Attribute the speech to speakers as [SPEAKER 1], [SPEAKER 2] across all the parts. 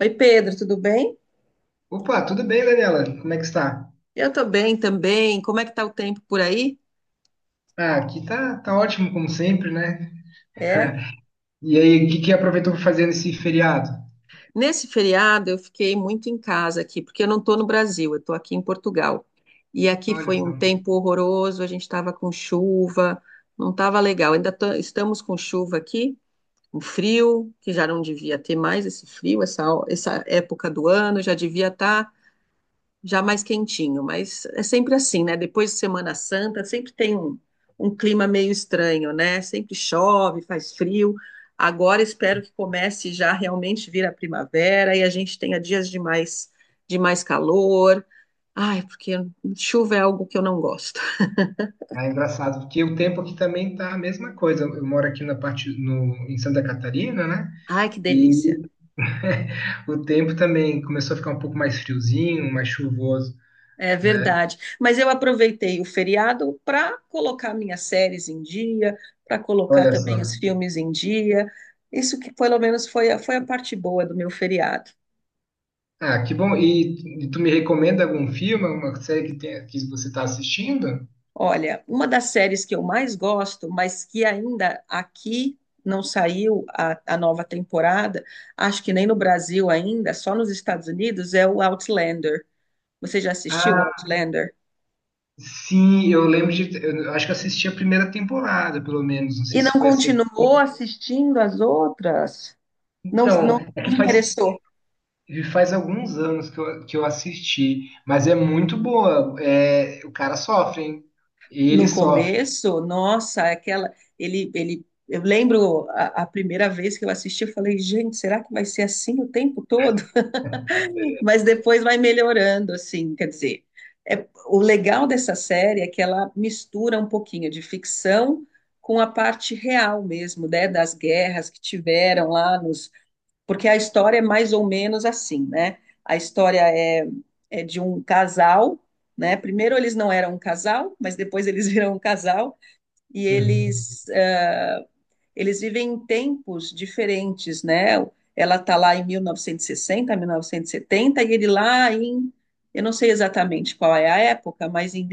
[SPEAKER 1] Oi, Pedro, tudo bem?
[SPEAKER 2] Opa, tudo bem, Daniela? Como é que está?
[SPEAKER 1] Eu tô bem também. Como é que tá o tempo por aí?
[SPEAKER 2] Ah, aqui tá ótimo, como sempre, né?
[SPEAKER 1] É.
[SPEAKER 2] E aí, o que que aproveitou para fazer nesse feriado?
[SPEAKER 1] Nesse feriado eu fiquei muito em casa aqui, porque eu não tô no Brasil, eu tô aqui em Portugal. E aqui
[SPEAKER 2] Olha
[SPEAKER 1] foi
[SPEAKER 2] só.
[SPEAKER 1] um tempo horroroso, a gente tava com chuva, não tava legal. Estamos com chuva aqui, um frio, que já não devia ter mais esse frio, essa época do ano, já devia estar já mais quentinho, mas é sempre assim, né? Depois de Semana Santa, sempre tem um clima meio estranho, né? Sempre chove, faz frio. Agora espero que comece já realmente vir a primavera e a gente tenha dias de mais calor. Ai, porque chuva é algo que eu não gosto.
[SPEAKER 2] Ah, é engraçado, porque o tempo aqui também tá a mesma coisa. Eu moro aqui na parte, no, em Santa Catarina, né?
[SPEAKER 1] Ai, que
[SPEAKER 2] E
[SPEAKER 1] delícia.
[SPEAKER 2] o tempo também começou a ficar um pouco mais friozinho, mais chuvoso,
[SPEAKER 1] É
[SPEAKER 2] né?
[SPEAKER 1] verdade. Mas eu aproveitei o feriado para colocar minhas séries em dia, para colocar
[SPEAKER 2] Olha só.
[SPEAKER 1] também os filmes em dia. Isso que pelo menos foi foi a parte boa do meu feriado.
[SPEAKER 2] Ah, que bom. E tu me recomenda algum filme, alguma série que você está assistindo?
[SPEAKER 1] Olha, uma das séries que eu mais gosto, mas que ainda aqui não saiu a nova temporada, acho que nem no Brasil ainda, só nos Estados Unidos, é o Outlander. Você já assistiu o
[SPEAKER 2] Ah,
[SPEAKER 1] Outlander?
[SPEAKER 2] sim, eu lembro de. Eu acho que eu assisti a primeira temporada, pelo menos. Não sei
[SPEAKER 1] E não
[SPEAKER 2] se foi a segunda.
[SPEAKER 1] continuou assistindo as outras? Não,
[SPEAKER 2] Então,
[SPEAKER 1] não não interessou?
[SPEAKER 2] faz alguns anos que eu assisti, mas é muito boa. É, o cara sofre, hein? Ele
[SPEAKER 1] No
[SPEAKER 2] sofre.
[SPEAKER 1] começo, nossa, aquela. Eu lembro a primeira vez que eu assisti, eu falei, gente, será que vai ser assim o tempo todo? Mas depois vai melhorando, assim, quer dizer. O legal dessa série é que ela mistura um pouquinho de ficção com a parte real mesmo, né, das guerras que tiveram lá nos. Porque a história é mais ou menos assim, né? A história é, é de um casal, né? Primeiro eles não eram um casal, mas depois eles viram um casal e
[SPEAKER 2] Uhum.
[SPEAKER 1] eles, eles vivem em tempos diferentes, né? Ela está lá em 1960, 1970, e sessenta, mil novecentos e setenta, e ele lá em, eu não sei exatamente qual é a época, mas em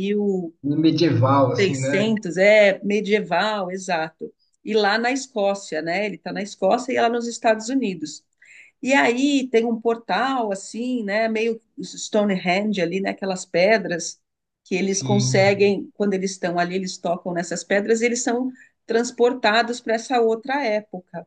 [SPEAKER 2] E medieval, assim, né?
[SPEAKER 1] 1600, é medieval, exato. E lá na Escócia, né? Ele está na Escócia e ela nos Estados Unidos. E aí tem um portal assim, né, meio Stonehenge ali, né, aquelas pedras que eles
[SPEAKER 2] Sim.
[SPEAKER 1] conseguem, quando eles estão ali, eles tocam nessas pedras, e eles são transportados para essa outra época.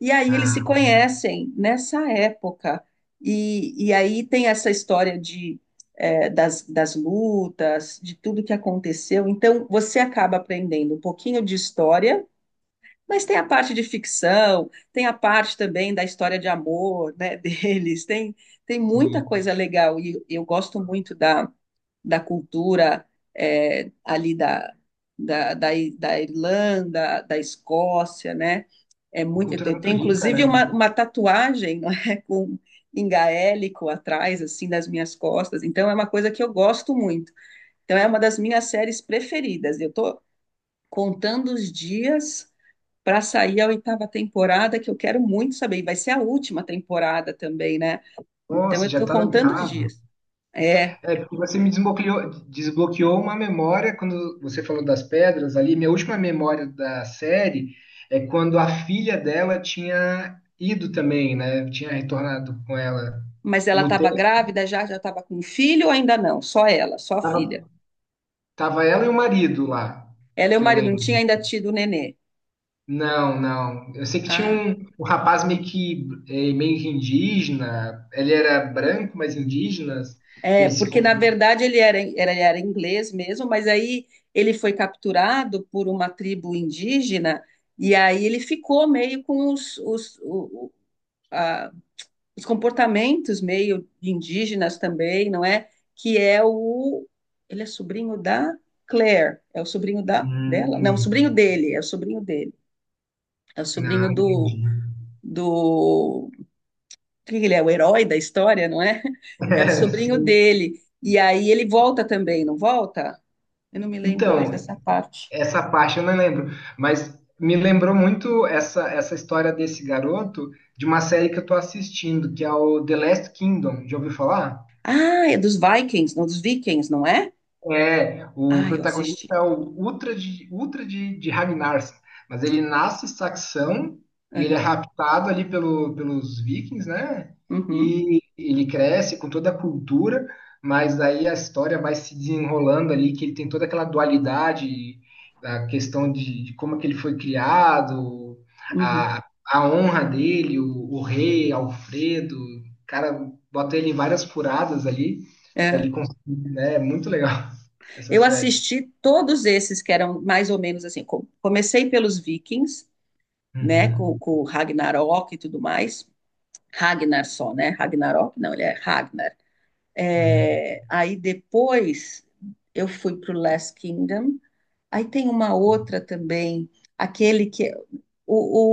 [SPEAKER 1] E aí eles se
[SPEAKER 2] Ah,
[SPEAKER 1] conhecem nessa época. E aí tem essa história de das lutas, de tudo que aconteceu. Então você acaba aprendendo um pouquinho de história, mas tem a parte de ficção, tem a parte também da história de amor, né, deles, tem, tem muita
[SPEAKER 2] sim.
[SPEAKER 1] coisa legal e eu gosto muito da cultura ali da Irlanda, da Escócia, né? É muito,
[SPEAKER 2] Cultura
[SPEAKER 1] eu
[SPEAKER 2] muito
[SPEAKER 1] tenho,
[SPEAKER 2] rica,
[SPEAKER 1] inclusive
[SPEAKER 2] né?
[SPEAKER 1] uma tatuagem, não é, com em gaélico atrás, assim, das minhas costas. Então é uma coisa que eu gosto muito. Então é uma das minhas séries preferidas. Eu estou contando os dias para sair a oitava temporada, que eu quero muito saber. E vai ser a última temporada também, né? Então
[SPEAKER 2] Nossa,
[SPEAKER 1] eu
[SPEAKER 2] já
[SPEAKER 1] estou
[SPEAKER 2] tá na
[SPEAKER 1] contando os
[SPEAKER 2] oitava.
[SPEAKER 1] dias. É,
[SPEAKER 2] É, porque você me desbloqueou uma memória quando você falou das pedras ali. Minha última memória da série é quando a filha dela tinha ido também, né? Tinha retornado com ela.
[SPEAKER 1] mas ela
[SPEAKER 2] No
[SPEAKER 1] estava
[SPEAKER 2] tempo,
[SPEAKER 1] grávida já, já estava com filho ou ainda não? Só ela, só a filha.
[SPEAKER 2] tava, tava ela e o marido lá,
[SPEAKER 1] Ela e o
[SPEAKER 2] que eu
[SPEAKER 1] marido não tinha
[SPEAKER 2] lembro.
[SPEAKER 1] ainda tido o nenê.
[SPEAKER 2] Não, não. Eu sei que tinha
[SPEAKER 1] Ah,
[SPEAKER 2] um rapaz meio que, meio que indígena. Ele era branco, mas indígena, que
[SPEAKER 1] é,
[SPEAKER 2] ele se...
[SPEAKER 1] porque
[SPEAKER 2] con-
[SPEAKER 1] na verdade ele era inglês mesmo, mas aí ele foi capturado por uma tribo indígena e aí ele ficou meio com os, o- a- os comportamentos meio indígenas também, não é? Que é o. Ele é sobrinho da Claire, é o sobrinho da dela? Não, o sobrinho
[SPEAKER 2] hum,
[SPEAKER 1] dele, é o sobrinho dele. É o
[SPEAKER 2] não,
[SPEAKER 1] sobrinho do.
[SPEAKER 2] entendi.
[SPEAKER 1] Do que ele é? O herói da história, não é? É o
[SPEAKER 2] É,
[SPEAKER 1] sobrinho
[SPEAKER 2] sim.
[SPEAKER 1] dele. E aí ele volta também, não volta? Eu não me lembro mais
[SPEAKER 2] Então,
[SPEAKER 1] dessa parte.
[SPEAKER 2] essa parte eu não lembro, mas me lembrou muito essa história desse garoto de uma série que eu tô assistindo, que é o The Last Kingdom. Já ouviu falar?
[SPEAKER 1] Ah, é dos Vikings, dos Vikings, não é?
[SPEAKER 2] É, o
[SPEAKER 1] Ah, eu assisti.
[SPEAKER 2] protagonista é o Ultra de Ragnarsson, mas ele nasce saxão e ele é
[SPEAKER 1] Aham,
[SPEAKER 2] raptado ali pelos vikings, né?
[SPEAKER 1] uhum,
[SPEAKER 2] E ele cresce com toda a cultura, mas aí a história vai se desenrolando ali, que ele tem toda aquela dualidade, a de como que ele foi criado,
[SPEAKER 1] uhum.
[SPEAKER 2] a honra dele, o rei Alfredo, o cara bota ele em várias furadas ali, para
[SPEAKER 1] É.
[SPEAKER 2] ele conseguir, né? É muito legal essa
[SPEAKER 1] Eu
[SPEAKER 2] série.
[SPEAKER 1] assisti todos esses que eram mais ou menos assim. Comecei pelos Vikings, né,
[SPEAKER 2] Uhum,
[SPEAKER 1] com Ragnarok e tudo mais. Ragnar só, né? Ragnarok, não, ele é Ragnar.
[SPEAKER 2] uhum.
[SPEAKER 1] É, aí depois eu fui para o Last Kingdom. Aí tem uma outra também, aquele que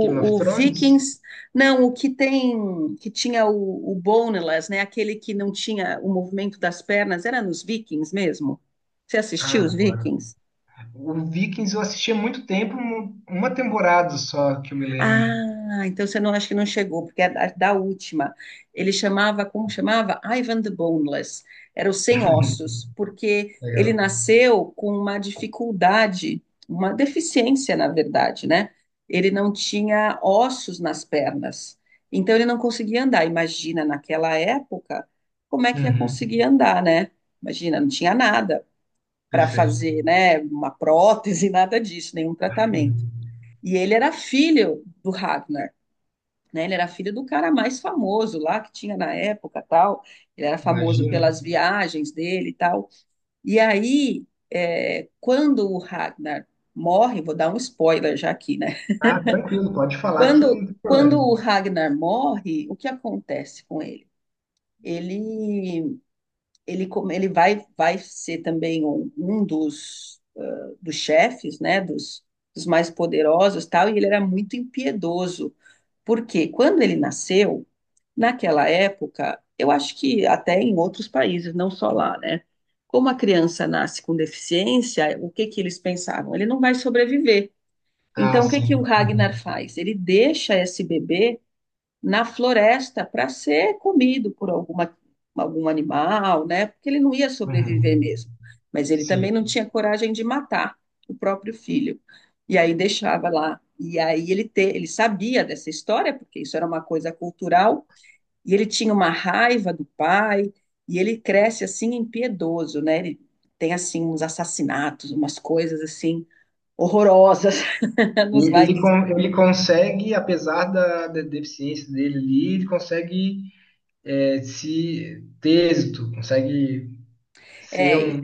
[SPEAKER 2] Game of
[SPEAKER 1] o, o
[SPEAKER 2] Thrones?
[SPEAKER 1] Vikings, não, o que tem, que tinha o Boneless, né? Aquele que não tinha o movimento das pernas, era nos Vikings mesmo. Você
[SPEAKER 2] Ah,
[SPEAKER 1] assistiu os
[SPEAKER 2] agora.
[SPEAKER 1] Vikings?
[SPEAKER 2] O Vikings eu assisti há muito tempo, uma temporada só que eu me lembre.
[SPEAKER 1] Ah, então você não acha que não chegou, porque é da última. Ele chamava, como chamava? Ivan the Boneless. Era o sem ossos, porque ele
[SPEAKER 2] Legal,
[SPEAKER 1] nasceu com uma dificuldade, uma deficiência, na verdade, né? Ele não tinha ossos nas pernas. Então ele não conseguia andar. Imagina, naquela época, como é que ia
[SPEAKER 2] uhum,
[SPEAKER 1] conseguir andar, né? Imagina, não tinha nada para
[SPEAKER 2] perfeito,
[SPEAKER 1] fazer, né? Uma prótese, nada disso, nenhum tratamento.
[SPEAKER 2] uhum.
[SPEAKER 1] E ele era filho do Ragnar, né? Ele era filho do cara mais famoso lá que tinha na época, tal. Ele era famoso
[SPEAKER 2] Imagina.
[SPEAKER 1] pelas viagens dele e tal. E aí, é, quando o Ragnar morre, vou dar um spoiler já aqui, né?
[SPEAKER 2] Ah, tranquilo, pode falar que não
[SPEAKER 1] Quando
[SPEAKER 2] tem
[SPEAKER 1] quando
[SPEAKER 2] problema.
[SPEAKER 1] o Ragnar morre, o que acontece com ele? Ele ele vai ser também um dos chefes, né? Dos mais poderosos, tal. E ele era muito impiedoso. Porque quando ele nasceu, naquela época, eu acho que até em outros países, não só lá, né? Como a criança nasce com deficiência, o que que eles pensavam? Ele não vai sobreviver.
[SPEAKER 2] Ah,
[SPEAKER 1] Então, o que que o
[SPEAKER 2] sim,
[SPEAKER 1] Ragnar
[SPEAKER 2] uhum,
[SPEAKER 1] faz? Ele deixa esse bebê na floresta para ser comido por algum animal, né? Porque ele não ia sobreviver
[SPEAKER 2] uhum,
[SPEAKER 1] mesmo. Mas ele
[SPEAKER 2] sim.
[SPEAKER 1] também não tinha coragem de matar o próprio filho. E aí deixava lá. E aí ele sabia dessa história, porque isso era uma coisa cultural, e ele tinha uma raiva do pai, e ele cresce assim impiedoso, né? Ele tem assim uns assassinatos, umas coisas assim horrorosas
[SPEAKER 2] E
[SPEAKER 1] nos
[SPEAKER 2] ele,
[SPEAKER 1] Vikings.
[SPEAKER 2] ele consegue, apesar da deficiência dele ali, ele consegue, é, se ter êxito, consegue ser
[SPEAKER 1] É,
[SPEAKER 2] um.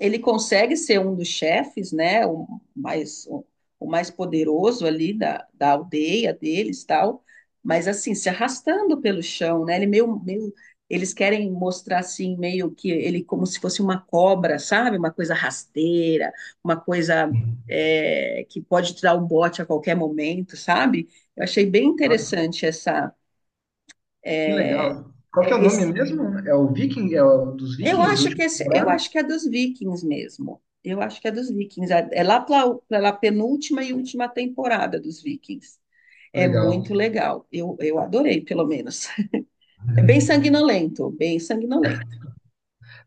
[SPEAKER 1] ele consegue ser um dos chefes, né, mais, o mais poderoso ali da aldeia deles, tal, mas assim, se arrastando pelo chão, né, ele meio, eles querem mostrar assim, meio que ele como se fosse uma cobra, sabe, uma coisa rasteira, uma coisa é, que pode te dar um bote a qualquer momento, sabe, eu achei bem
[SPEAKER 2] Nossa,
[SPEAKER 1] interessante essa,
[SPEAKER 2] que
[SPEAKER 1] é,
[SPEAKER 2] legal. Qual que é o nome
[SPEAKER 1] esse
[SPEAKER 2] mesmo? É o Viking, é o dos
[SPEAKER 1] eu
[SPEAKER 2] Vikings, a
[SPEAKER 1] acho que
[SPEAKER 2] última
[SPEAKER 1] esse, eu
[SPEAKER 2] temporada?
[SPEAKER 1] acho que é dos Vikings mesmo. Eu acho que é dos Vikings. É é lá pela penúltima e última temporada dos Vikings. É
[SPEAKER 2] Legal.
[SPEAKER 1] muito legal. Eu adorei, pelo menos. É bem sanguinolento, bem sanguinolento.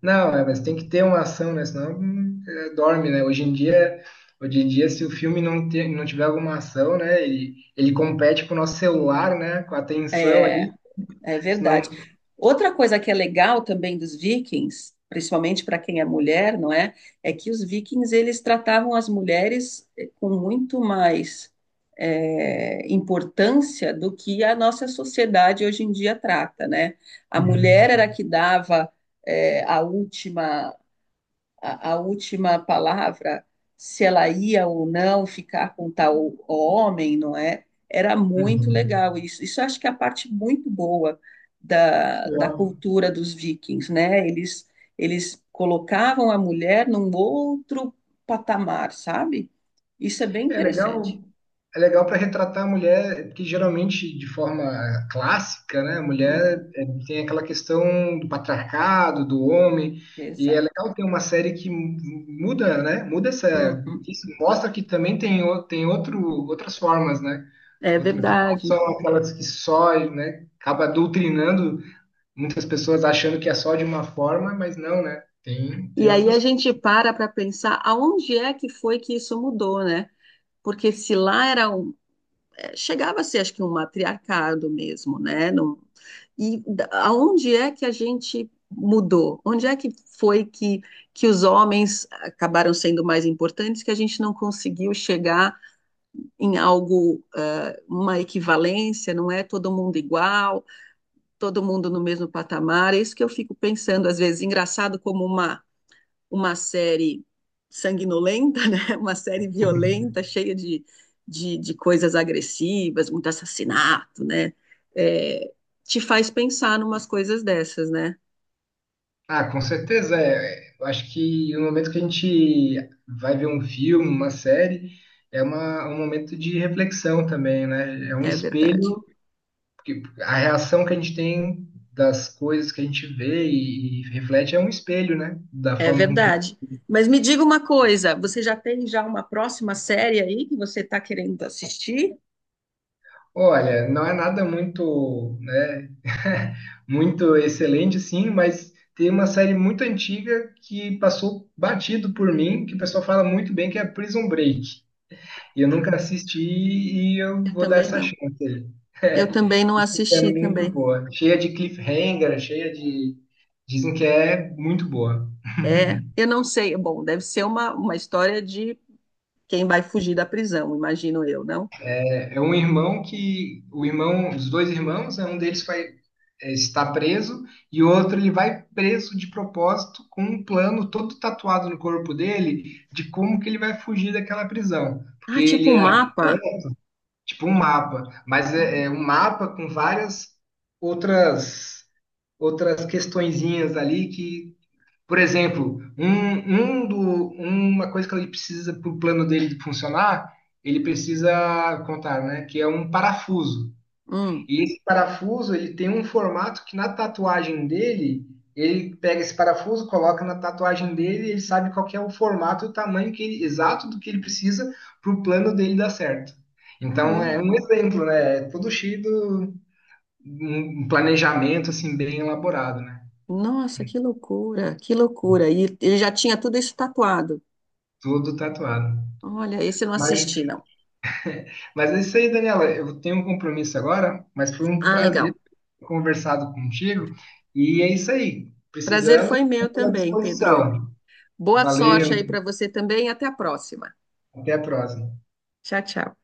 [SPEAKER 2] Não, é, mas tem que ter uma ação, né? Senão é, dorme, né? Hoje em dia, se o filme não tiver alguma ação, né? Ele compete com o nosso celular, né? Com a atenção
[SPEAKER 1] É.
[SPEAKER 2] ali,
[SPEAKER 1] É
[SPEAKER 2] senão.
[SPEAKER 1] verdade. Outra coisa que é legal também dos vikings, principalmente para quem é mulher, não é? É que os vikings eles tratavam as mulheres com muito mais importância do que a nossa sociedade hoje em dia trata, né? A
[SPEAKER 2] Uhum,
[SPEAKER 1] mulher era a que dava a última a última palavra, se ela ia ou não ficar com tal homem, não é? Era muito
[SPEAKER 2] uhum.
[SPEAKER 1] legal isso. Isso eu acho que é a parte muito boa
[SPEAKER 2] Que
[SPEAKER 1] da
[SPEAKER 2] legal.
[SPEAKER 1] cultura dos vikings, né? Eles colocavam a mulher num outro patamar, sabe? Isso é bem
[SPEAKER 2] É
[SPEAKER 1] interessante.
[SPEAKER 2] legal, é legal para retratar a mulher, porque geralmente de forma clássica, né, a
[SPEAKER 1] Uhum,
[SPEAKER 2] mulher é, tem aquela questão do patriarcado, do homem, e é
[SPEAKER 1] exato.
[SPEAKER 2] legal ter uma série muda, né, muda essa,
[SPEAKER 1] Uhum,
[SPEAKER 2] isso mostra que também tem, tem outro, outras formas, né,
[SPEAKER 1] é
[SPEAKER 2] outro, que não
[SPEAKER 1] verdade.
[SPEAKER 2] são aquelas que só, né, acaba doutrinando muitas pessoas achando que é só de uma forma, mas não, né, tem,
[SPEAKER 1] E
[SPEAKER 2] tem
[SPEAKER 1] aí a
[SPEAKER 2] outras
[SPEAKER 1] gente para pensar aonde é que foi que isso mudou, né? Porque se lá era chegava a ser, acho que, um matriarcado mesmo, né? Aonde é que a gente mudou? Onde é que foi que os homens acabaram sendo mais importantes, que a gente não conseguiu chegar em algo, ah, uma equivalência, não é todo mundo igual, todo mundo no mesmo patamar? É isso que eu fico pensando, às vezes, engraçado como uma série sanguinolenta, né? Uma série
[SPEAKER 2] formas.
[SPEAKER 1] violenta, cheia de coisas agressivas, muito assassinato, né? É, te faz pensar numas coisas dessas, né?
[SPEAKER 2] Ah, com certeza é. Eu acho que no momento que a gente vai ver um filme, uma série, é uma, um momento de reflexão também, né? É um
[SPEAKER 1] É verdade.
[SPEAKER 2] espelho, porque a reação que a gente tem das coisas que a gente vê e reflete é um espelho, né? Da
[SPEAKER 1] É
[SPEAKER 2] forma com que.
[SPEAKER 1] verdade. Mas me diga uma coisa, você já tem já uma próxima série aí que você está querendo assistir?
[SPEAKER 2] Olha, não é nada muito, né? Muito excelente, sim, mas tem uma série muito antiga que passou batido por mim, que o pessoal fala muito bem, que é Prison Break. E eu
[SPEAKER 1] Ah,
[SPEAKER 2] nunca assisti e eu
[SPEAKER 1] eu
[SPEAKER 2] vou dar
[SPEAKER 1] também
[SPEAKER 2] essa
[SPEAKER 1] não.
[SPEAKER 2] chance aí.
[SPEAKER 1] Eu
[SPEAKER 2] É,
[SPEAKER 1] também não
[SPEAKER 2] isso é
[SPEAKER 1] assisti
[SPEAKER 2] muito
[SPEAKER 1] também.
[SPEAKER 2] boa. Cheia de cliffhanger, cheia de. Dizem que é muito boa.
[SPEAKER 1] É, eu não sei. Bom, deve ser uma história de quem vai fugir da prisão, imagino eu, não?
[SPEAKER 2] É um irmão que. O irmão, os dois irmãos, é um deles vai, é, está preso e o outro ele vai preso de propósito com um plano todo tatuado no corpo dele de como que ele vai fugir daquela prisão. Porque
[SPEAKER 1] Ah, tipo
[SPEAKER 2] ele
[SPEAKER 1] um
[SPEAKER 2] é
[SPEAKER 1] mapa.
[SPEAKER 2] tipo um mapa, mas é,
[SPEAKER 1] Olha.
[SPEAKER 2] é um mapa com várias outras outras questõezinhas ali que, por exemplo, um do, uma coisa que ele precisa para o plano dele funcionar, ele precisa contar, né? Que é um parafuso.
[SPEAKER 1] Hum,
[SPEAKER 2] E esse parafuso ele tem um formato que na tatuagem dele ele pega esse parafuso, coloca na tatuagem dele, e ele sabe qual que é o formato, o tamanho exato do que ele precisa para o plano dele dar certo. Então é
[SPEAKER 1] caramba.
[SPEAKER 2] um exemplo, né? É todo cheio de um planejamento assim bem elaborado, né?
[SPEAKER 1] Nossa, que loucura, que loucura. E ele já tinha tudo isso tatuado.
[SPEAKER 2] Tudo tatuado.
[SPEAKER 1] Olha, esse eu não
[SPEAKER 2] Mas,
[SPEAKER 1] assisti, não.
[SPEAKER 2] mas é isso aí, Daniela. Eu tenho um compromisso agora, mas foi um
[SPEAKER 1] Ah,
[SPEAKER 2] prazer
[SPEAKER 1] legal.
[SPEAKER 2] ter conversado contigo. E é isso aí.
[SPEAKER 1] Prazer
[SPEAKER 2] Precisando,
[SPEAKER 1] foi meu
[SPEAKER 2] estou à
[SPEAKER 1] também, Pedro.
[SPEAKER 2] disposição.
[SPEAKER 1] Boa
[SPEAKER 2] Valeu,
[SPEAKER 1] sorte aí para você também. E até a próxima.
[SPEAKER 2] até a próxima.
[SPEAKER 1] Tchau, tchau.